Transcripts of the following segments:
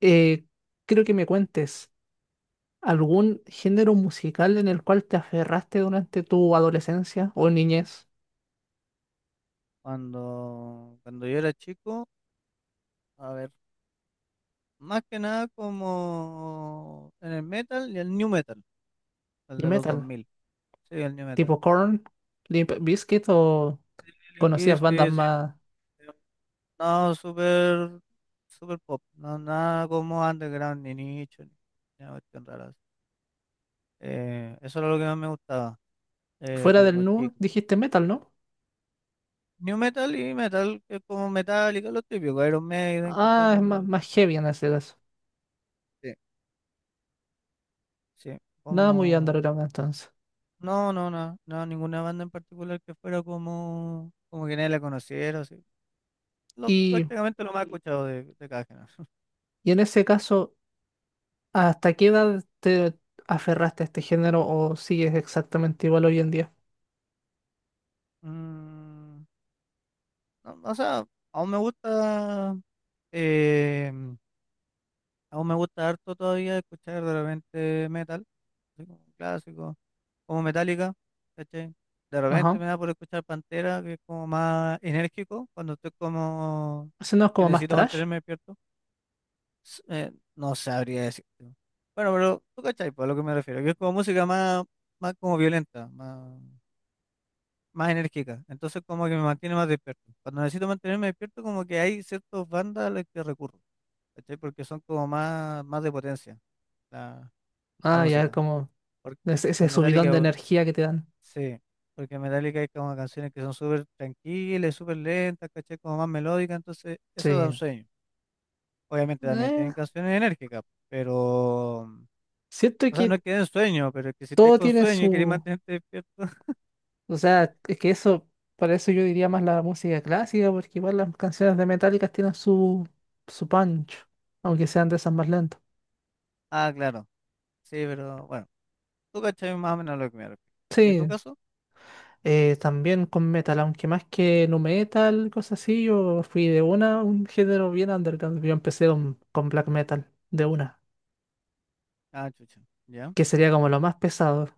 Eh, creo que me cuentes algún género musical en el cual te aferraste durante tu adolescencia o niñez Cuando yo era chico, a ver, más que nada como en el metal y el new metal, el y de los dos metal, mil sí, el new tipo metal. Korn, Limp Bizkit o Limp conocías bandas Bizkit, sí, más eh, no, súper pop, no, nada como underground, ni nicho, ni nada cuestión rara así. Eso era lo que más me gustaba fuera cuando del nu, chico. dijiste metal, ¿no? New metal y metal, que es como Metallica, lo típico, Iron Maiden, ¿cachai? Ah, es Lo más, de, más heavy en ese caso. sí. Sí, Nada muy como... underground entonces. No, no, no, no, ninguna banda en particular que fuera como, como que nadie la conociera, así. Lo, Y, prácticamente lo más escuchado de cada género. y en ese caso, ¿hasta qué edad te aferraste a este género o sigues exactamente igual hoy en día? Mm, no, no, o sea, aún me gusta, eh, aún me gusta harto todavía escuchar de repente metal, así como clásico, como Metallica, ¿cachai? De repente Ajá. me da por escuchar Pantera, que es como más enérgico, cuando estoy como Ese no es que como más necesito trash. mantenerme despierto. No sabría decir. Bueno, pero tú cachai, pues, a lo que me refiero, que es como música más, más como violenta, más, más enérgica. Entonces como que me mantiene más despierto. Cuando necesito mantenerme despierto, como que hay ciertas bandas a las que recurro, ¿cachai? Porque son como más, más de potencia la, la Ah, ya música. como Porque, Ese, porque ese subidón de Metallica, energía que te dan. sí, porque Metallica hay como canciones que son súper tranquilas, súper lentas, ¿cachai? Como más melódicas, entonces eso da un Sí. sueño. Obviamente también Eh, tienen canciones enérgicas, pero... siento O sea, no que que den sueño, pero que si estás todo con tiene sueño y querés su. mantenerte despierto. O sea, es que eso, para eso yo diría más la música clásica, porque igual las canciones de Metallica tienen su punch, aunque sean de esas más lentas. Ah, claro. Sí, pero bueno, tú cachai más o menos lo que me refiero. ¿Y en tu Sí. caso? También con metal, aunque más que nu metal, cosas así, yo fui de una, a un género bien underground. Yo empecé con black metal, de una, Ah, chucha. Ya. que sería como lo más pesado.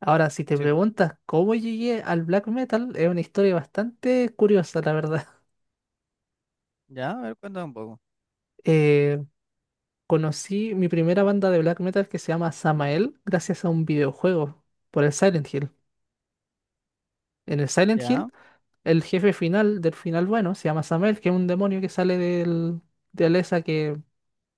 Ahora, si te Sí, po. preguntas cómo llegué al black metal, es una historia bastante curiosa, la verdad. Ya, a ver, cuéntame un poco. Eh, conocí mi primera banda de black metal que se llama Samael gracias a un videojuego por el Silent Hill. En el Silent Ya, Hill, el jefe final del final bueno se llama Samael, que es un demonio que sale de Alessa que,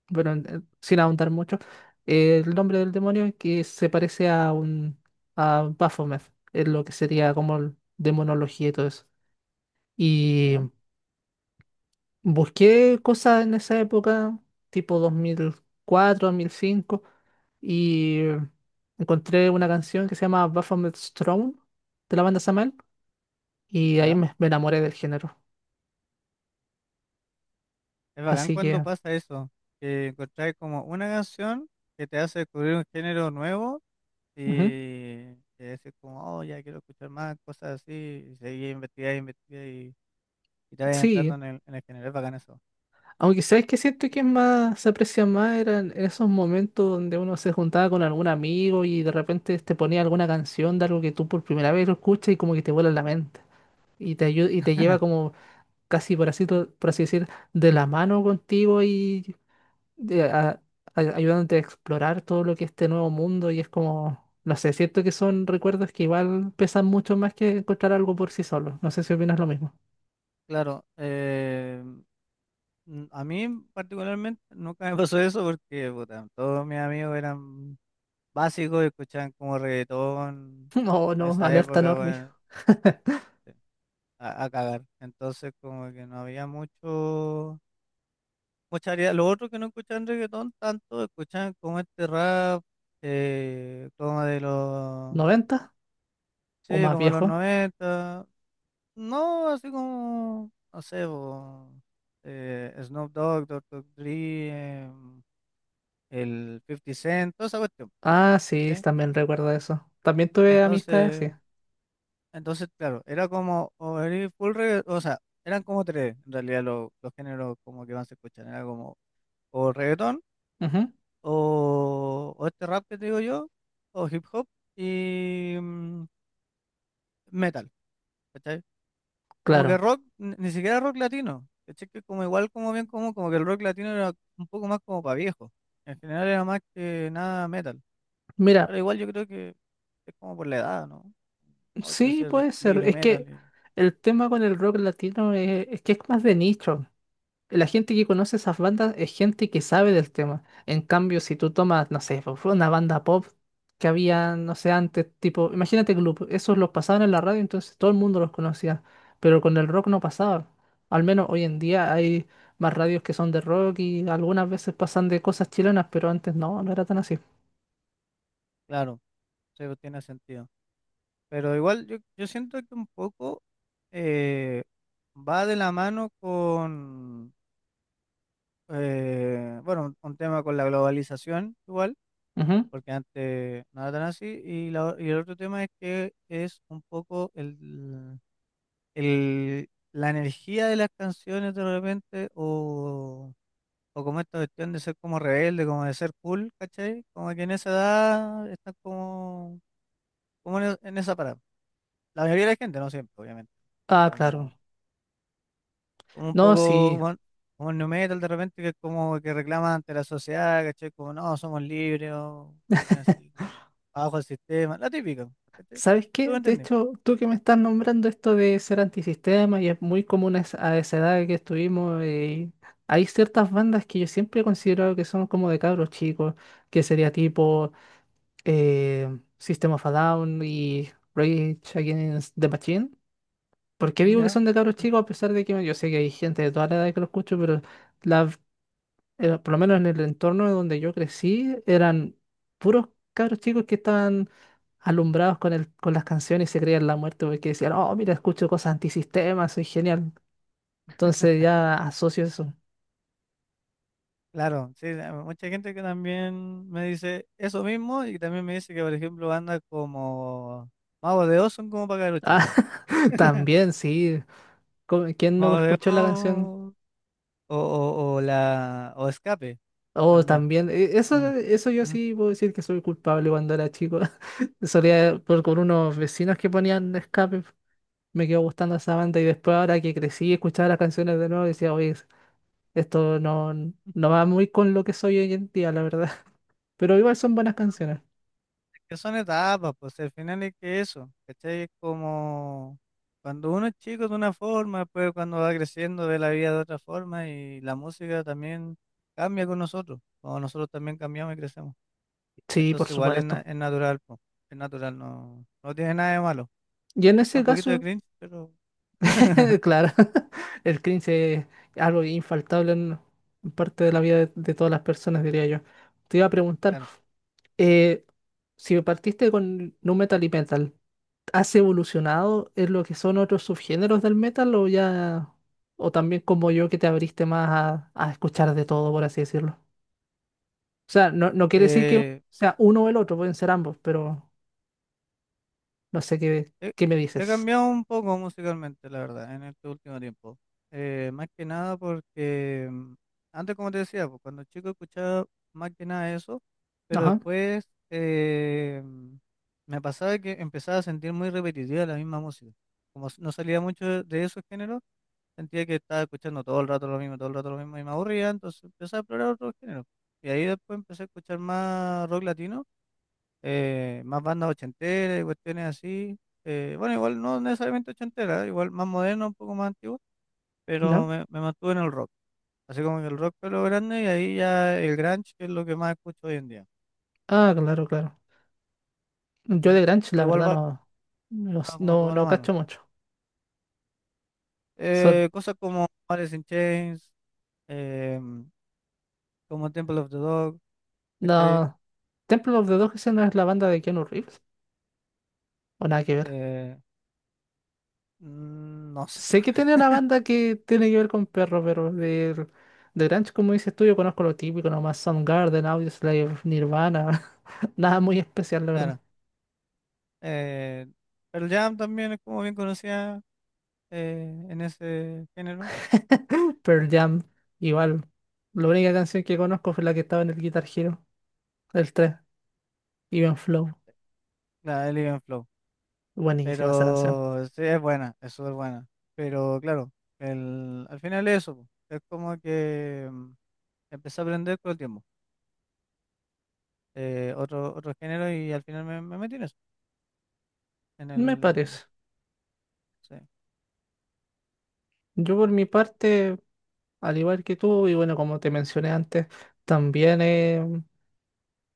bueno, sin ahondar mucho, el nombre del demonio que se parece a un a Baphomet, es lo que sería como demonología y todo eso. Y ya, busqué cosas en esa época, tipo dos mil cuatro 2005 y encontré una canción que se llama Baphomet's Throne de la banda Samael, y ahí ya. me enamoré del género. Es bacán Así cuando que, pasa eso, que encontráis como una canción que te hace descubrir un género nuevo ujú, y que decís como, oh, ya quiero escuchar más cosas así, y seguís investigando, investigando y te vas sí. entrando en el género. Es bacán eso. Aunque sabes que siento que es más, se aprecia más eran esos momentos donde uno se juntaba con algún amigo y de repente te ponía alguna canción de algo que tú por primera vez lo escuchas y como que te vuela la mente. Y y te lleva como casi por así, por así decir, de la mano contigo y de- a- ayudándote a explorar todo lo que es este nuevo mundo y es como, no sé, siento que son recuerdos que igual pesan mucho más que encontrar algo por sí solo. No sé si opinas lo mismo. Claro. A mí particularmente nunca me pasó eso porque puta, todos mis amigos eran básicos y escuchaban como reggaetón No, en no, esa alerta época, normie. bueno, sí, a cagar. Entonces como que no había mucho, mucha variedad. Los otros que no escuchaban reggaetón tanto, escuchaban como este rap, como de los, ¿90 o sí, más como de los viejo? 90. No, así como, no sé, po, Snoop Dogg, Doctor Dre, em, el 50 Cent, toda esa cuestión, Ah, sí, ¿cachai? también recuerdo eso. También tuve amistades Entonces, así. entonces, claro, era como, o era o sea, eran como tres, en realidad, los géneros como que más se escuchan, era como, o reggaetón, Ujú, o este rap que te digo yo, o hip hop, y metal, ¿cachai? Como que claro. rock, ni siquiera rock latino, ¿cachai? Que como igual, como bien, como, como que el rock latino era un poco más como para viejos, en general era más que nada metal, Mira, pero igual yo creo que es como por la edad, ¿no? Oh, quiero sí ser puede ser. libre Es que metal. Y el tema con el rock latino es que es más de nicho. La gente que conoce esas bandas es gente que sabe del tema. En cambio, si tú tomas, no sé, pues, fue una banda pop que había, no sé, antes, tipo, imagínate Gloop, esos los pasaban en la radio, entonces todo el mundo los conocía, pero con el rock no pasaba. Al menos hoy en día hay más radios que son de rock y algunas veces pasan de cosas chilenas, pero antes no, no era tan así. claro, sí, pues, tiene sentido. Pero igual yo siento que un poco eh, va de la mano con, bueno, un tema con la globalización igual, Ujú. porque antes no era tan así. Y, y el otro tema es que es un poco el, la energía de las canciones de repente o... O como esta cuestión de ser como rebelde, como de ser cool, ¿cachai? Como que en esa edad están como como en esa parada. La mayoría de la gente, no siempre, obviamente. Pero Ah, claro. como, como un No, poco sí, como, como el nu metal de repente, que es como que reclama ante la sociedad, ¿cachai? Como no, somos libres, o es así, bajo el sistema, la típica, ¿cachai? ¿sabes ¿Tú me qué? De entendí? hecho, tú que me estás nombrando esto de ser antisistema y es muy común a esa edad que estuvimos, hay ciertas bandas que yo siempre he considerado que son como de cabros chicos, que sería tipo System of a Down y Rage Against the Machine. ¿Por qué digo que Ya. son de cabros chicos? A pesar de que bueno, yo sé que hay gente de toda la edad que lo escucho, pero la por lo menos en el entorno donde yo crecí, eran puros cabros chicos que estaban alumbrados con el, con las canciones y se creían la muerte porque decían, oh, mira, escucho cosas antisistema, soy genial. Entonces ya asocio eso. Claro, sí, mucha gente que también me dice eso mismo y también me dice que, por ejemplo, bandas como Mago de Oz son como para los chicos. Ah, también, sí. ¿Quién no Mago de escuchó la canción? Oz o o Escape Oh, también. también. Eso, Mm, eso yo mm. sí puedo decir que soy culpable cuando era chico. Solía por con unos vecinos que ponían escape. Me quedó gustando esa banda y después ahora que crecí y escuchaba las canciones de nuevo decía, oye, esto no, no va muy con lo que soy hoy en día, la verdad. Pero igual son buenas canciones. Que son etapas, pues si al final es que eso, ¿cachai? Es como cuando uno es chico de una forma, después cuando va creciendo ve la vida de otra forma y la música también cambia con nosotros, o nosotros también cambiamos y crecemos. Sí, por Entonces igual es, supuesto. es natural, po, es natural, no, no tiene nada de malo. Y en Da ese un poquito de caso, cringe, pero claro, el cringe es algo infaltable en parte de la vida de todas las personas, diría yo. Te iba a preguntar, claro. eh, si partiste con nu metal y metal, ¿has evolucionado en lo que son otros subgéneros del metal o ya, o también como yo que te abriste más a escuchar de todo, por así decirlo? O sea, no, no quiere decir que Eh, sea uno o el otro, pueden ser ambos, pero no sé qué, He, qué me he dices. cambiado un poco musicalmente, la verdad, en este último tiempo. Más que nada porque antes, como te decía, pues, cuando chico escuchaba más que nada eso, pero Ajá, después me pasaba que empezaba a sentir muy repetitiva la misma música. No salía mucho de esos géneros, sentía que estaba escuchando todo el rato lo mismo, todo el rato lo mismo y me aburría, entonces empecé a explorar otros géneros. Y ahí después empecé a escuchar más rock latino, más bandas ochenteras y cuestiones así. Bueno, igual no necesariamente ochenteras, igual más moderno, un poco más antiguo, pero ya. Me mantuve en el rock. Así como que el rock fue lo grande y ahí ya el grunge, que es lo que más escucho hoy en día. Ah, claro, claro. Yo ¿Cachai? de Grunge, la Pero igual verdad, no, no, va como no, toda la no cacho mano. mucho. Son, Cosas como Alice in Chains, eh, como Temple of the Dog, ¿cachai? no, Temple of the Dogs no es la banda de Keanu Reeves, o nada que ver. Eh, no sé, Sé que bueno, tiene una banda que tiene que ver con perros, pero de Grunge, como dices tú, yo conozco lo típico, nomás Soundgarden, Audioslave, Nirvana, nada muy especial, la verdad. claro. Eh, Pearl Jam también es como bien conocida en ese género. Pearl Jam, igual. La única canción que conozco fue la que estaba en el Guitar Hero, el 3 Even Flow. La de Elegant Flow. Buenísima esa canción. Pero sí, es buena, es súper buena. Pero claro, el, al final es eso, po. Es como que empecé a aprender con el tiempo, otro género y al final me metí en eso, en Me el... parece. Sí, Yo por mi parte, al igual que tú, y bueno, como te mencioné antes, también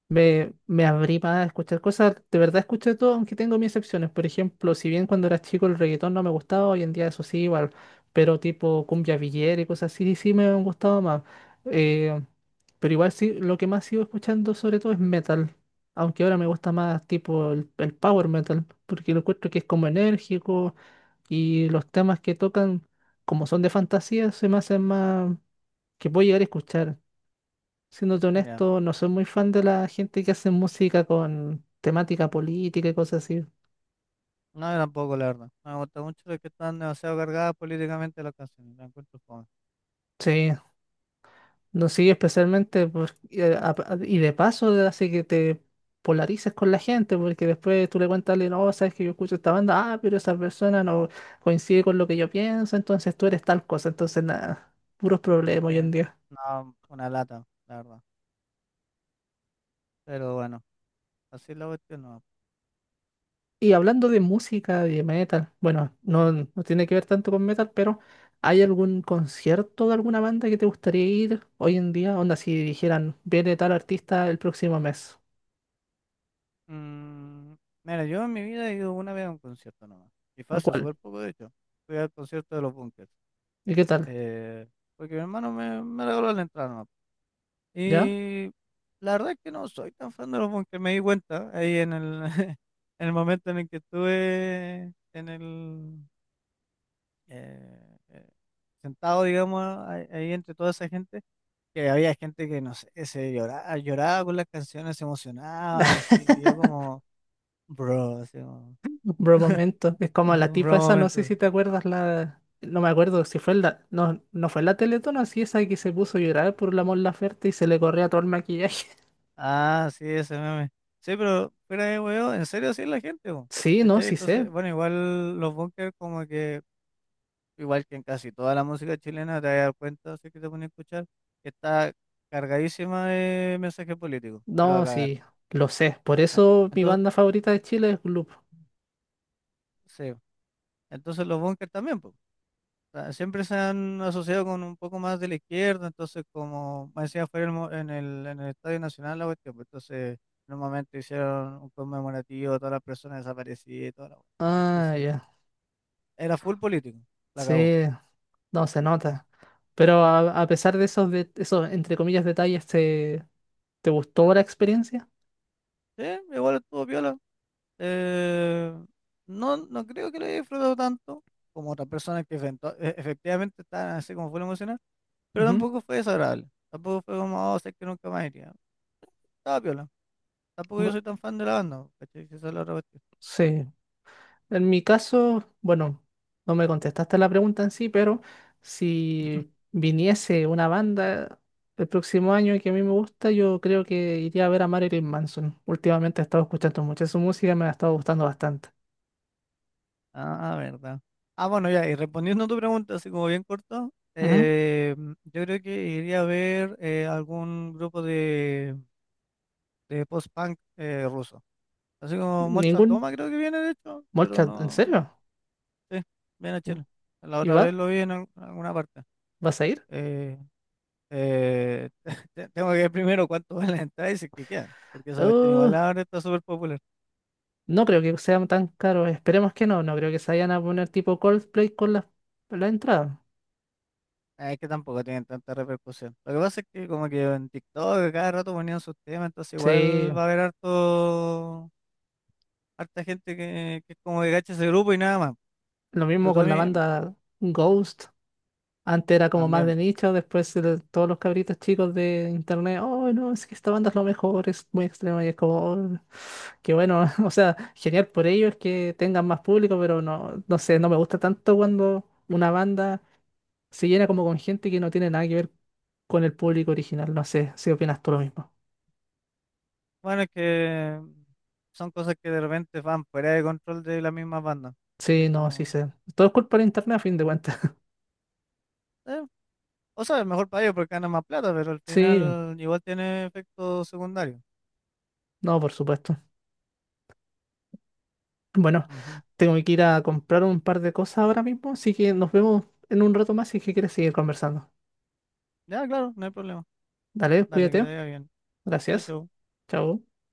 me abrí para escuchar cosas, de verdad escuché todo, aunque tengo mis excepciones. Por ejemplo, si bien cuando era chico el reggaetón no me gustaba, hoy en día eso sí, igual, pero tipo cumbia villera y cosas así, sí me han gustado más. Eh, pero igual sí, lo que más sigo escuchando sobre todo es metal, aunque ahora me gusta más tipo el power metal, porque lo encuentro que es como enérgico y los temas que tocan, como son de fantasía, se me hacen más que puedo llegar a escuchar. Siéndote ya. honesto, no soy muy fan de la gente que hace música con temática política y cosas así. No, yo tampoco, la verdad. No me gusta mucho lo que están demasiado cargadas políticamente las canciones, la encuentro fome. Sí, no sigue especialmente y y de paso hace que te polarices con la gente, porque después tú le cuentas a alguien, oh, sabes que yo escucho esta banda, ah, pero esa persona no coincide con lo que yo pienso, entonces tú eres tal cosa, entonces nada, puros problemas Sí, hoy en día. no, una lata, la verdad. Pero bueno, así es la cuestión no. Y hablando de música, de metal, bueno, no, no tiene que ver tanto con metal, pero ¿hay algún concierto de alguna banda que te gustaría ir hoy en día? Onda, si dijeran, viene tal artista el próximo mes, Mm, mira, yo en mi vida he ido una vez a un concierto nomás. Y fue ¿a hace cuál? súper poco, de hecho. Fui al concierto de los Bunkers. ¿Y qué tal? eh, Porque mi hermano me regaló la entrada nomás. ¿Ya? Y la verdad es que no soy tan fan de los Bunkers, me di cuenta ahí en el, en el momento en el que estuve en el, eh, eh, sentado, digamos, ahí entre toda esa gente, que había gente que, no sé, se lloraba, lloraba con las canciones, se emocionaba, así, y yo como, bro, así como, Bro, momento, es como la tipa bro esa, no sé momento. si te acuerdas la... No me acuerdo si fue la... No, no fue la Teletón, así esa que se puso a llorar por la Mon Laferte y se le corría todo el maquillaje. Ah, sí, ese meme. Sí, pero fuera de huevo, en serio sí es la gente, po, Sí, no, ¿cachai? sí sé. Entonces, bueno, igual los bunkers como que, igual que en casi toda la música chilena, te vas a dar cuenta, si es que te pones a escuchar, que está cargadísima de mensajes políticos, pero a No, cagar. sí, lo sé. Por Eh, eso mi Entonces, banda favorita de Chile es Gloop. sí, entonces los bunkers también, sea, siempre se han asociado con un poco más de la izquierda, entonces como me decía, fue el en el, en el Estadio Nacional la cuestión, pues, entonces en un momento hicieron un conmemorativo todas las personas desaparecidas y toda la cuestión. Ah, Entonces, ya. era full político, la acabó. Sí, no se Mm. nota. Pero a pesar de, esos, entre comillas, detalles, ¿te, te gustó la experiencia? Sí, igual estuvo viola. No, no creo que lo haya disfrutado tanto como otras personas que efectivamente estaban así como full emocional, pero Ujú. tampoco fue desagradable. Tampoco fue como, oh, sé que nunca más iría. Estaba viola. Tampoco yo Bu- soy tan fan de la banda, ¿cachai? Esa es la otra cuestión. Sí. En mi caso, bueno, no me contestaste la pregunta en sí, pero si viniese una banda el próximo año y que a mí me gusta, yo creo que iría a ver a Marilyn Manson. Últimamente he estado escuchando mucho su música, me ha estado gustando bastante. Ah, verdad. Ah, bueno, ya, y respondiendo a tu pregunta, así como bien corto, Ujú. Yo creo que iría a ver algún grupo de post-punk ruso. Así como Molchat Ningún Doma creo que viene, de hecho, pero Molchat, ¿en no, serio? sí, viene a Uh, Chile. La ¿Y otra vez va? lo vi en alguna parte. ¿Vas a ir? Eh, eh, Tengo que ver primero cuánto vale la entrada y si es que quedan, porque esa cuestión igual Uh, ahora está súper popular. no creo que sean tan caros. Esperemos que no. No creo que se vayan a poner tipo Coldplay con la, la entrada. Ah, es que tampoco tienen tanta repercusión. Lo que pasa es que como que en TikTok cada rato ponían sus temas, entonces Sí, igual va a haber harta gente que es como que cacha ese grupo y nada más. lo Pero mismo tú a con mí, la banda Ghost. Antes era como más también. de nicho, después todos los cabritos chicos de internet, oh no, es que esta banda es lo mejor, es muy extrema y es como, "Oh, qué bueno", o sea, genial por ellos que tengan más público, pero no, no sé, no me gusta tanto cuando una banda se llena como con gente que no tiene nada que ver con el público original. No sé si opinas tú lo mismo. Bueno, es que son cosas que de repente van fuera de control de las mismas bandas. Sí, ¿Cachai? no, sí Como, sé. Todo es culpa de internet a fin de cuentas. eh, o sea, mejor para ellos porque ganan más plata, pero al Sí, final igual tiene efecto secundario. no, por supuesto. Bueno, Ujú. tengo que ir a comprar un par de cosas ahora mismo, así que nos vemos en un rato más si es que quieres seguir conversando. Ya, claro, no hay problema. Dale, Dale, que te cuídate. vaya bien. Chau, Gracias. chau. Chao.